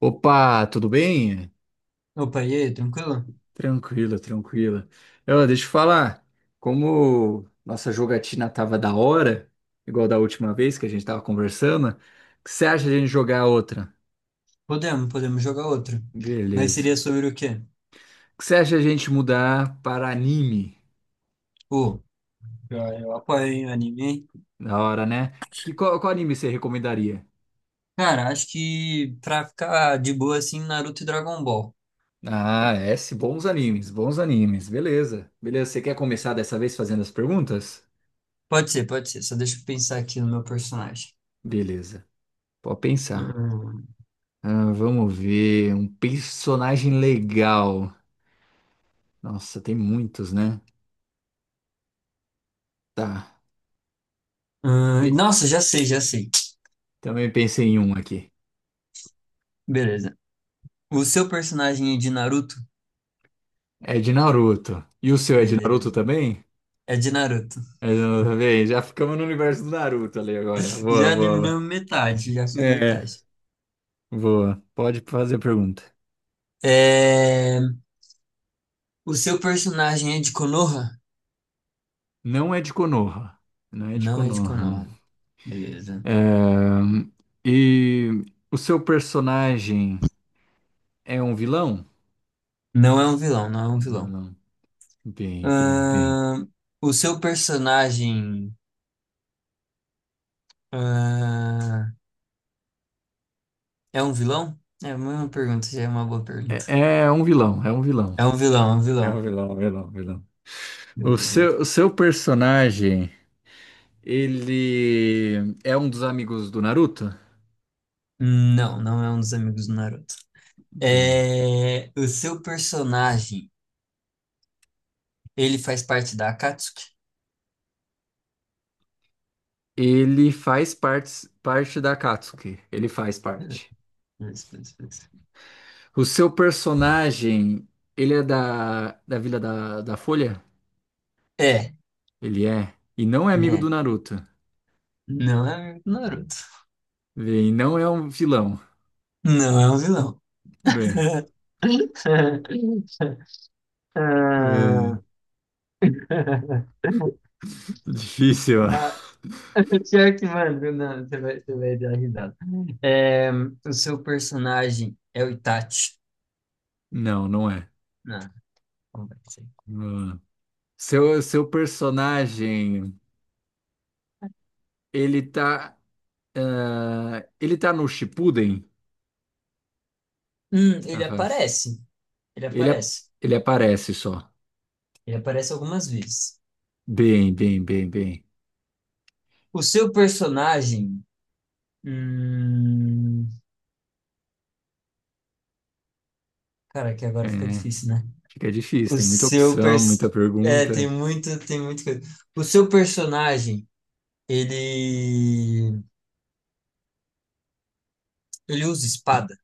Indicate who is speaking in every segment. Speaker 1: Opa, tudo bem?
Speaker 2: Opa, e aí, tranquilo?
Speaker 1: Tranquilo, tranquilo. Deixa eu falar, como nossa jogatina tava da hora, igual da última vez que a gente tava conversando, o que você acha de a gente jogar outra?
Speaker 2: Podemos jogar outro. Mas
Speaker 1: Beleza.
Speaker 2: seria sobre o quê?
Speaker 1: O que você acha de a gente mudar para anime?
Speaker 2: Pô, eu apoio hein, o anime. Hein?
Speaker 1: Da hora, né? Qual anime você recomendaria?
Speaker 2: Cara, acho que pra ficar de boa assim, Naruto e Dragon Ball.
Speaker 1: Bons animes, bons animes. Beleza. Beleza, você quer começar dessa vez fazendo as perguntas?
Speaker 2: Pode ser. Só deixa eu pensar aqui no meu personagem.
Speaker 1: Beleza, pode pensar.
Speaker 2: Hum,
Speaker 1: Ah, vamos ver. Um personagem legal. Nossa, tem muitos, né? Tá. Pe-
Speaker 2: nossa, já sei.
Speaker 1: também pensei em um aqui.
Speaker 2: Beleza. O seu personagem é de Naruto?
Speaker 1: É de Naruto. E o seu é de Naruto
Speaker 2: Beleza.
Speaker 1: também?
Speaker 2: É de Naruto.
Speaker 1: É de Naruto também? Já ficamos no universo do Naruto ali agora. Boa,
Speaker 2: Já
Speaker 1: boa.
Speaker 2: eliminamos metade, já foi
Speaker 1: É,
Speaker 2: metade.
Speaker 1: boa. Pode fazer a pergunta.
Speaker 2: É... O seu personagem é de Konoha?
Speaker 1: Não é de Konoha. Não é de
Speaker 2: Não é de
Speaker 1: Konoha.
Speaker 2: Konoha. Beleza.
Speaker 1: É, E o seu personagem é um vilão?
Speaker 2: Não é um vilão, não é um
Speaker 1: É um
Speaker 2: vilão.
Speaker 1: vilão. Bem, bem, bem.
Speaker 2: Ahn, o seu personagem, ah, é um vilão? É uma pergunta, já é uma boa pergunta.
Speaker 1: É um vilão, é um vilão.
Speaker 2: É um vilão, é um
Speaker 1: É o
Speaker 2: vilão.
Speaker 1: vilão, vilão, vilão. O
Speaker 2: Beleza.
Speaker 1: seu, o seu personagem, ele é um dos amigos do Naruto?
Speaker 2: Não, não é um dos amigos do Naruto.
Speaker 1: Bem,
Speaker 2: É, o seu personagem, ele faz parte da Akatsuki?
Speaker 1: ele faz parte da Katsuki. Ele faz parte.
Speaker 2: Beleza.
Speaker 1: O seu personagem, ele é da Vila da Folha?
Speaker 2: É,
Speaker 1: Ele é. E não é
Speaker 2: ele
Speaker 1: amigo do
Speaker 2: é.
Speaker 1: Naruto.
Speaker 2: Não é amigo do Naruto.
Speaker 1: Bem, não é um vilão.
Speaker 2: Não é um vilão.
Speaker 1: Bem, bem,
Speaker 2: Ah,
Speaker 1: difícil. Ó.
Speaker 2: Pior que, mano, não, você vai dar risada. É, o seu personagem é o Itachi.
Speaker 1: Não, não é.
Speaker 2: Não, como vai ser?
Speaker 1: Não é. Seu personagem, ele tá. Ah, ele tá no Shippuden, na
Speaker 2: Ele
Speaker 1: fase.
Speaker 2: aparece. Ele
Speaker 1: Ele, ap-
Speaker 2: aparece.
Speaker 1: ele aparece só.
Speaker 2: Ele aparece algumas vezes.
Speaker 1: Bem, bem, bem, bem.
Speaker 2: O seu personagem. Hum, cara, que
Speaker 1: É,
Speaker 2: agora fica difícil, né?
Speaker 1: fica difícil,
Speaker 2: O
Speaker 1: tem muita
Speaker 2: seu
Speaker 1: opção,
Speaker 2: pers...
Speaker 1: muita
Speaker 2: É, tem
Speaker 1: pergunta.
Speaker 2: muito, tem muita coisa. O seu personagem, ele. Ele usa espada?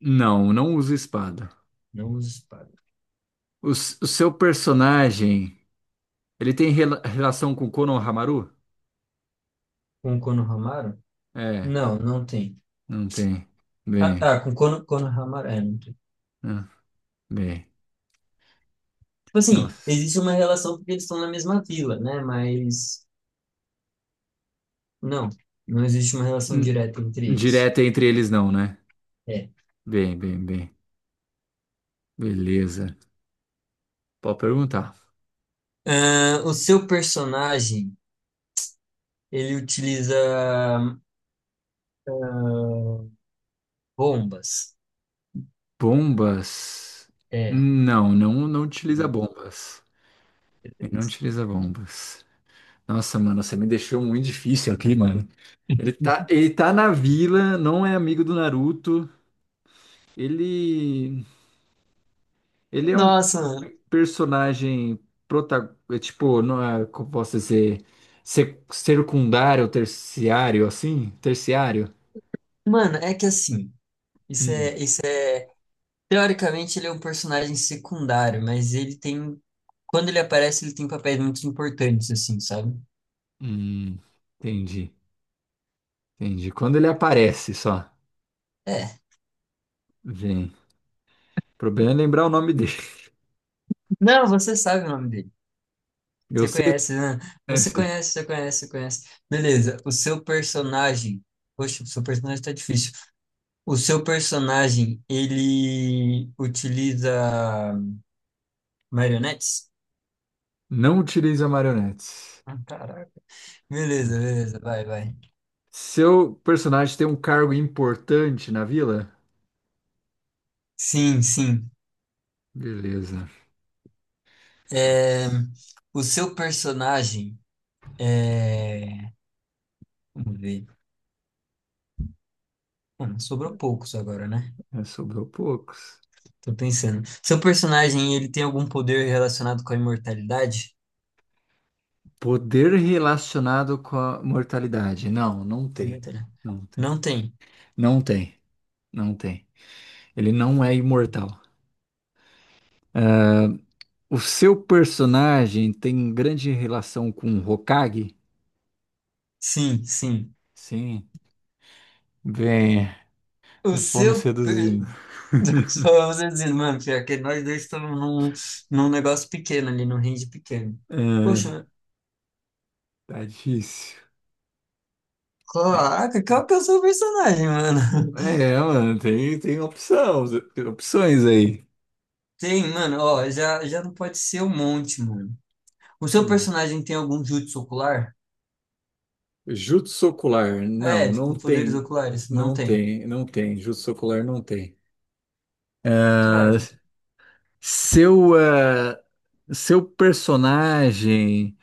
Speaker 1: Não usa espada.
Speaker 2: Não usa espada.
Speaker 1: O seu personagem, ele tem relação com Konohamaru?
Speaker 2: Com o Konohamaru?
Speaker 1: É,
Speaker 2: Não, não tem.
Speaker 1: não tem.
Speaker 2: Ah,
Speaker 1: Bem,
Speaker 2: tá, com Kono- Konohamaru. É, não tem.
Speaker 1: ah, bem.
Speaker 2: Tipo assim,
Speaker 1: Nossa.
Speaker 2: existe uma relação porque eles estão na mesma vila, né? Mas não, não existe uma relação
Speaker 1: Hum,
Speaker 2: direta entre eles.
Speaker 1: Direta entre eles não, né?
Speaker 2: É.
Speaker 1: Bem, bem, bem. Beleza. Pode perguntar.
Speaker 2: Ah, o seu personagem, ele utiliza ah, bombas.
Speaker 1: Bombas?
Speaker 2: É.
Speaker 1: Não utiliza
Speaker 2: Né?
Speaker 1: bombas. Ele não utiliza bombas. Nossa, mano, você me deixou muito difícil aqui, mano. Ele tá na vila, não é amigo do Naruto. Ele, ele é um
Speaker 2: Nossa, mano.
Speaker 1: personagem prota, é tipo, não é, como posso dizer, secundário, ou terciário, assim? Terciário?
Speaker 2: Mano, é que assim, isso
Speaker 1: Hum,
Speaker 2: é, isso é. Teoricamente, ele é um personagem secundário, mas ele tem. Quando ele aparece, ele tem papéis muito importantes, assim, sabe?
Speaker 1: hum, entendi, entendi. Quando ele aparece, só.
Speaker 2: É.
Speaker 1: Vem. O problema é lembrar o nome dele.
Speaker 2: Não, você sabe o nome dele.
Speaker 1: Eu
Speaker 2: Você conhece, né?
Speaker 1: é
Speaker 2: Você
Speaker 1: isso aí.
Speaker 2: conhece, você conhece, você conhece. Beleza, o seu personagem. Poxa, o seu personagem tá difícil. O seu personagem, ele utiliza marionetes?
Speaker 1: Não utiliza marionetes.
Speaker 2: Ah, caraca. Beleza, beleza, vai, vai.
Speaker 1: Seu personagem tem um cargo importante na vila?
Speaker 2: Sim, sim.
Speaker 1: Beleza.
Speaker 2: É,
Speaker 1: Nossa,
Speaker 2: o seu personagem é. Vamos ver. Mano, sobrou poucos agora, né?
Speaker 1: é, sobrou poucos.
Speaker 2: Tô pensando. Seu personagem, ele tem algum poder relacionado com a imortalidade?
Speaker 1: Poder relacionado com a mortalidade. Não, não tem.
Speaker 2: Muita.
Speaker 1: Não tem.
Speaker 2: Não tem.
Speaker 1: Não tem. Não tem. Ele não é imortal. O seu personagem tem grande relação com o Hokage?
Speaker 2: Sim, sim.
Speaker 1: Sim. Bem,
Speaker 2: O
Speaker 1: vamos
Speaker 2: seu. Per-
Speaker 1: seduzindo.
Speaker 2: Só você dizendo, mano, pior que nós dois estamos num, num negócio pequeno ali, num range pequeno.
Speaker 1: É,
Speaker 2: Poxa,
Speaker 1: tá difícil. É.
Speaker 2: caraca, qual que é o seu personagem, mano?
Speaker 1: É, mano, tem opção, opções aí.
Speaker 2: Tem, mano, ó, já não pode ser um monte, mano. O seu
Speaker 1: Hum.
Speaker 2: personagem tem algum jutsu ocular?
Speaker 1: Jutsu ocular, não,
Speaker 2: É,
Speaker 1: não
Speaker 2: tipo, poderes
Speaker 1: tem,
Speaker 2: oculares? Não
Speaker 1: não
Speaker 2: tem.
Speaker 1: tem, não tem, jutsu ocular não tem. Ah,
Speaker 2: Caraca.
Speaker 1: seu, ah, seu personagem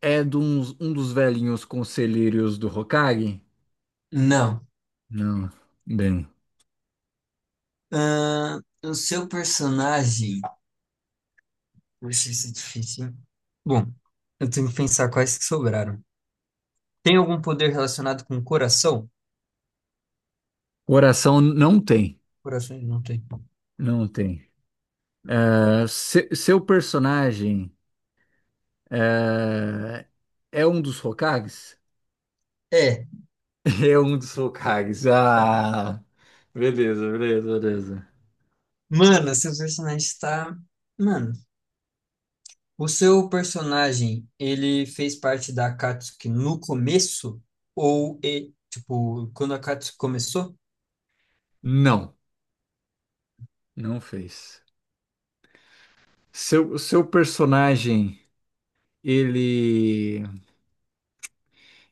Speaker 1: é de um dos velhinhos conselheiros do Hokage?
Speaker 2: Não.
Speaker 1: Não, bem,
Speaker 2: O seu personagem. Poxa, isso é difícil, hein? Bom, eu tenho que pensar quais que sobraram. Tem algum poder relacionado com o coração?
Speaker 1: coração não tem,
Speaker 2: Coração ele não tem.
Speaker 1: não tem. Seu personagem ah, é um dos Hokages?
Speaker 2: É.
Speaker 1: É um dos Hokages. Ah, beleza, beleza, beleza.
Speaker 2: Mano, seu personagem está. Mano, o seu personagem, ele fez parte da Akatsuki no começo? Ou, e- tipo, quando a Akatsuki começou?
Speaker 1: Não, não fez. Seu personagem, ele,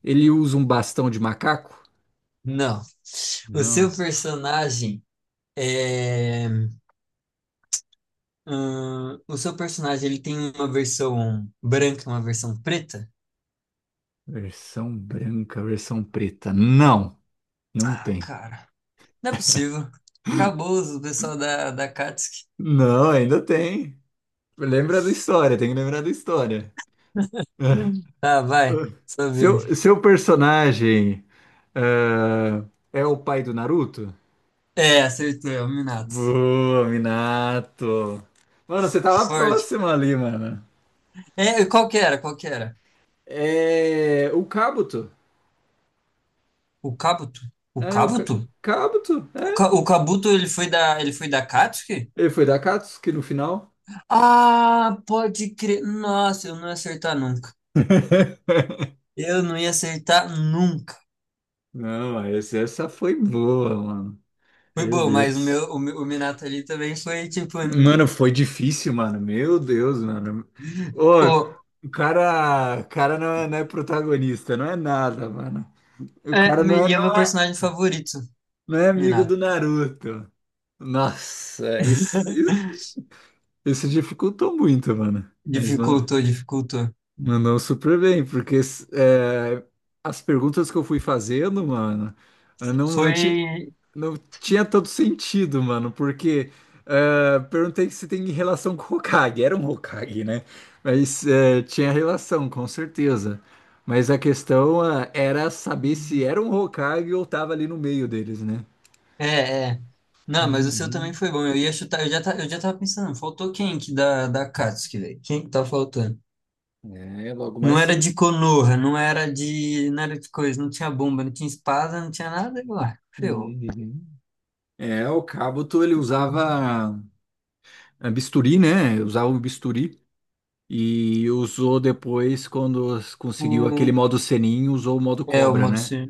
Speaker 1: ele usa um bastão de macaco?
Speaker 2: Não. O seu
Speaker 1: Não.
Speaker 2: personagem é. O seu personagem, ele tem uma versão branca e uma versão preta?
Speaker 1: Versão branca, versão preta. Não, não
Speaker 2: Ah,
Speaker 1: tem.
Speaker 2: cara. Não é possível. Acabou o pessoal da Akatsuki.
Speaker 1: Não, ainda tem. Lembra da história, tem que lembrar da história.
Speaker 2: Tá, vai. Sua
Speaker 1: Seu,
Speaker 2: vez.
Speaker 1: seu personagem, ah, é o pai do Naruto?
Speaker 2: É, acertou, é o Minato.
Speaker 1: Boa, Minato. Mano, você
Speaker 2: Que
Speaker 1: tava
Speaker 2: sorte.
Speaker 1: próximo ali, mano.
Speaker 2: É, e qual que era? Qual que era?
Speaker 1: É. O Kabuto.
Speaker 2: O Kabuto. O
Speaker 1: É, o ca-
Speaker 2: Kabuto?
Speaker 1: Kabuto?
Speaker 2: O,
Speaker 1: É.
Speaker 2: Ka- o Kabuto, ele foi ele foi da Katsuki?
Speaker 1: Ele foi da Katsuki no final.
Speaker 2: Ah, pode crer. Nossa, eu não ia acertar nunca. Eu não ia acertar nunca.
Speaker 1: Não, essa foi boa, mano.
Speaker 2: Foi
Speaker 1: Meu
Speaker 2: bom, mas
Speaker 1: Deus.
Speaker 2: o Minato ali também foi, tipo,
Speaker 1: Mano, foi difícil, mano. Meu Deus, mano. Ô,
Speaker 2: o,
Speaker 1: o cara não é, não é protagonista, não é nada, mano. O
Speaker 2: é,
Speaker 1: cara não
Speaker 2: me-
Speaker 1: é,
Speaker 2: e é meu
Speaker 1: não é,
Speaker 2: personagem favorito,
Speaker 1: não é amigo
Speaker 2: Minato.
Speaker 1: do Naruto. Nossa, isso, Isso dificultou muito, mano.
Speaker 2: Dificultou, dificultou.
Speaker 1: Mandou super bem, porque é, as perguntas que eu fui fazendo, mano, eu não, não, ti,
Speaker 2: Foi.
Speaker 1: não tinha todo sentido, mano, porque é, perguntei se tem relação com o Hokage. Era um Hokage, né? Mas é, tinha relação, com certeza. Mas a questão é, era saber se era um Hokage ou tava ali no meio deles, né?
Speaker 2: É, é. Não, mas o seu também
Speaker 1: Uhum.
Speaker 2: foi bom. Eu ia chutar, ta- eu já tava pensando, faltou quem que da Akatsuki, velho? Quem que tá faltando?
Speaker 1: É, logo
Speaker 2: Não
Speaker 1: mais
Speaker 2: era
Speaker 1: cedo.
Speaker 2: de Konoha, não era de nada de coisa, não tinha bomba, não tinha espada, não tinha nada, e lá, ferrou.
Speaker 1: Uhum. É, o Cabuto ele usava bisturi, né? Usava um bisturi e usou depois quando conseguiu aquele
Speaker 2: O,
Speaker 1: modo Senin, usou o modo
Speaker 2: é, o
Speaker 1: cobra, né?
Speaker 2: Motosur.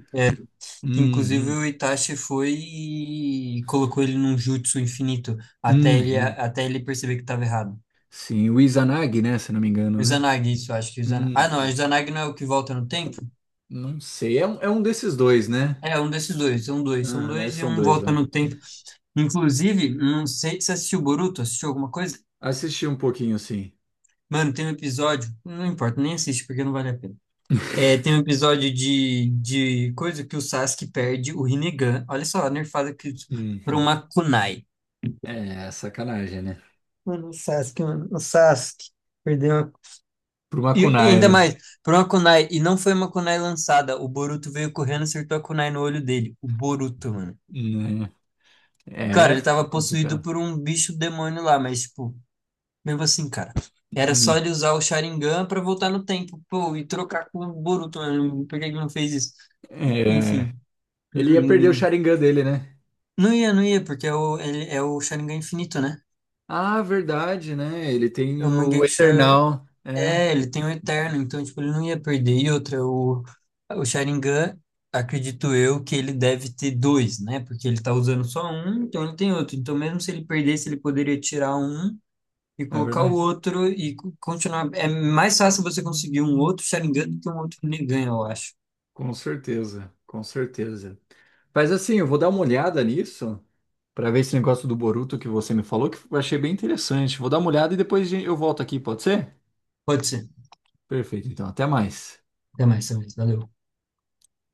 Speaker 2: Que inclusive
Speaker 1: Uhum.
Speaker 2: o Itachi foi e colocou ele num jutsu infinito,
Speaker 1: Uhum.
Speaker 2: até ele perceber que estava errado.
Speaker 1: Sim, o Izanagi, né? Se não me engano,
Speaker 2: O
Speaker 1: né?
Speaker 2: Izanagi, isso, eu acho que o Izanagi... Ah, não, o
Speaker 1: Uhum.
Speaker 2: Izanagi não é o que volta no tempo?
Speaker 1: Não sei, é é um desses dois, né?
Speaker 2: É, um desses dois, são dois, são
Speaker 1: Aham, é,
Speaker 2: dois e
Speaker 1: são
Speaker 2: um
Speaker 1: dois
Speaker 2: volta
Speaker 1: lá.
Speaker 2: no tempo. Inclusive, não sei se você assistiu Boruto, assistiu alguma coisa?
Speaker 1: Assisti um pouquinho, sim.
Speaker 2: Mano, tem um episódio, não importa, nem assiste porque não vale a pena. É, tem um episódio de coisa que o Sasuke perde o Rinnegan. Olha só, a nerfada que por
Speaker 1: Hum.
Speaker 2: uma kunai.
Speaker 1: É, sacanagem, né?
Speaker 2: Mano, o Sasuke perdeu uma...
Speaker 1: Pro
Speaker 2: E, e
Speaker 1: Makunai,
Speaker 2: ainda
Speaker 1: né?
Speaker 2: mais, por uma kunai, e não foi uma kunai lançada. O Boruto veio correndo e acertou a kunai no olho dele. O Boruto, mano.
Speaker 1: Né? É,
Speaker 2: Cara, ele
Speaker 1: é
Speaker 2: tava possuído
Speaker 1: complicado.
Speaker 2: por um bicho demônio lá, mas, tipo, mesmo assim, cara. Era só
Speaker 1: Hum.
Speaker 2: ele usar o Sharingan pra voltar no tempo, pô, e trocar com o Boruto, mano. Por que ele não fez isso?
Speaker 1: É.
Speaker 2: Enfim.
Speaker 1: Ele ia perder o
Speaker 2: hum,
Speaker 1: Sharingan dele, né?
Speaker 2: Não ia, não ia, porque é o, ele, é o Sharingan infinito, né?
Speaker 1: Ah, verdade, né? Ele tem
Speaker 2: É o
Speaker 1: o
Speaker 2: Mangekyo. Sha-
Speaker 1: Eternal.
Speaker 2: É, ele tem o Eterno, então, tipo, ele não ia perder. E outra, o Sharingan, acredito eu, que ele deve ter dois, né? Porque ele tá usando só um, então ele tem outro. Então, mesmo se ele perdesse, ele poderia tirar um e
Speaker 1: É
Speaker 2: colocar o
Speaker 1: verdade.
Speaker 2: outro e co- continuar. É mais fácil você conseguir um outro Sharingan do que um outro Rinnegan, eu acho.
Speaker 1: Com certeza, com certeza. Mas assim, eu vou dar uma olhada nisso para ver esse negócio do Boruto que você me falou, que eu achei bem interessante. Vou dar uma olhada e depois eu volto aqui, pode ser?
Speaker 2: Pode ser.
Speaker 1: Perfeito, então, até mais.
Speaker 2: Até mais, Samir. Valeu.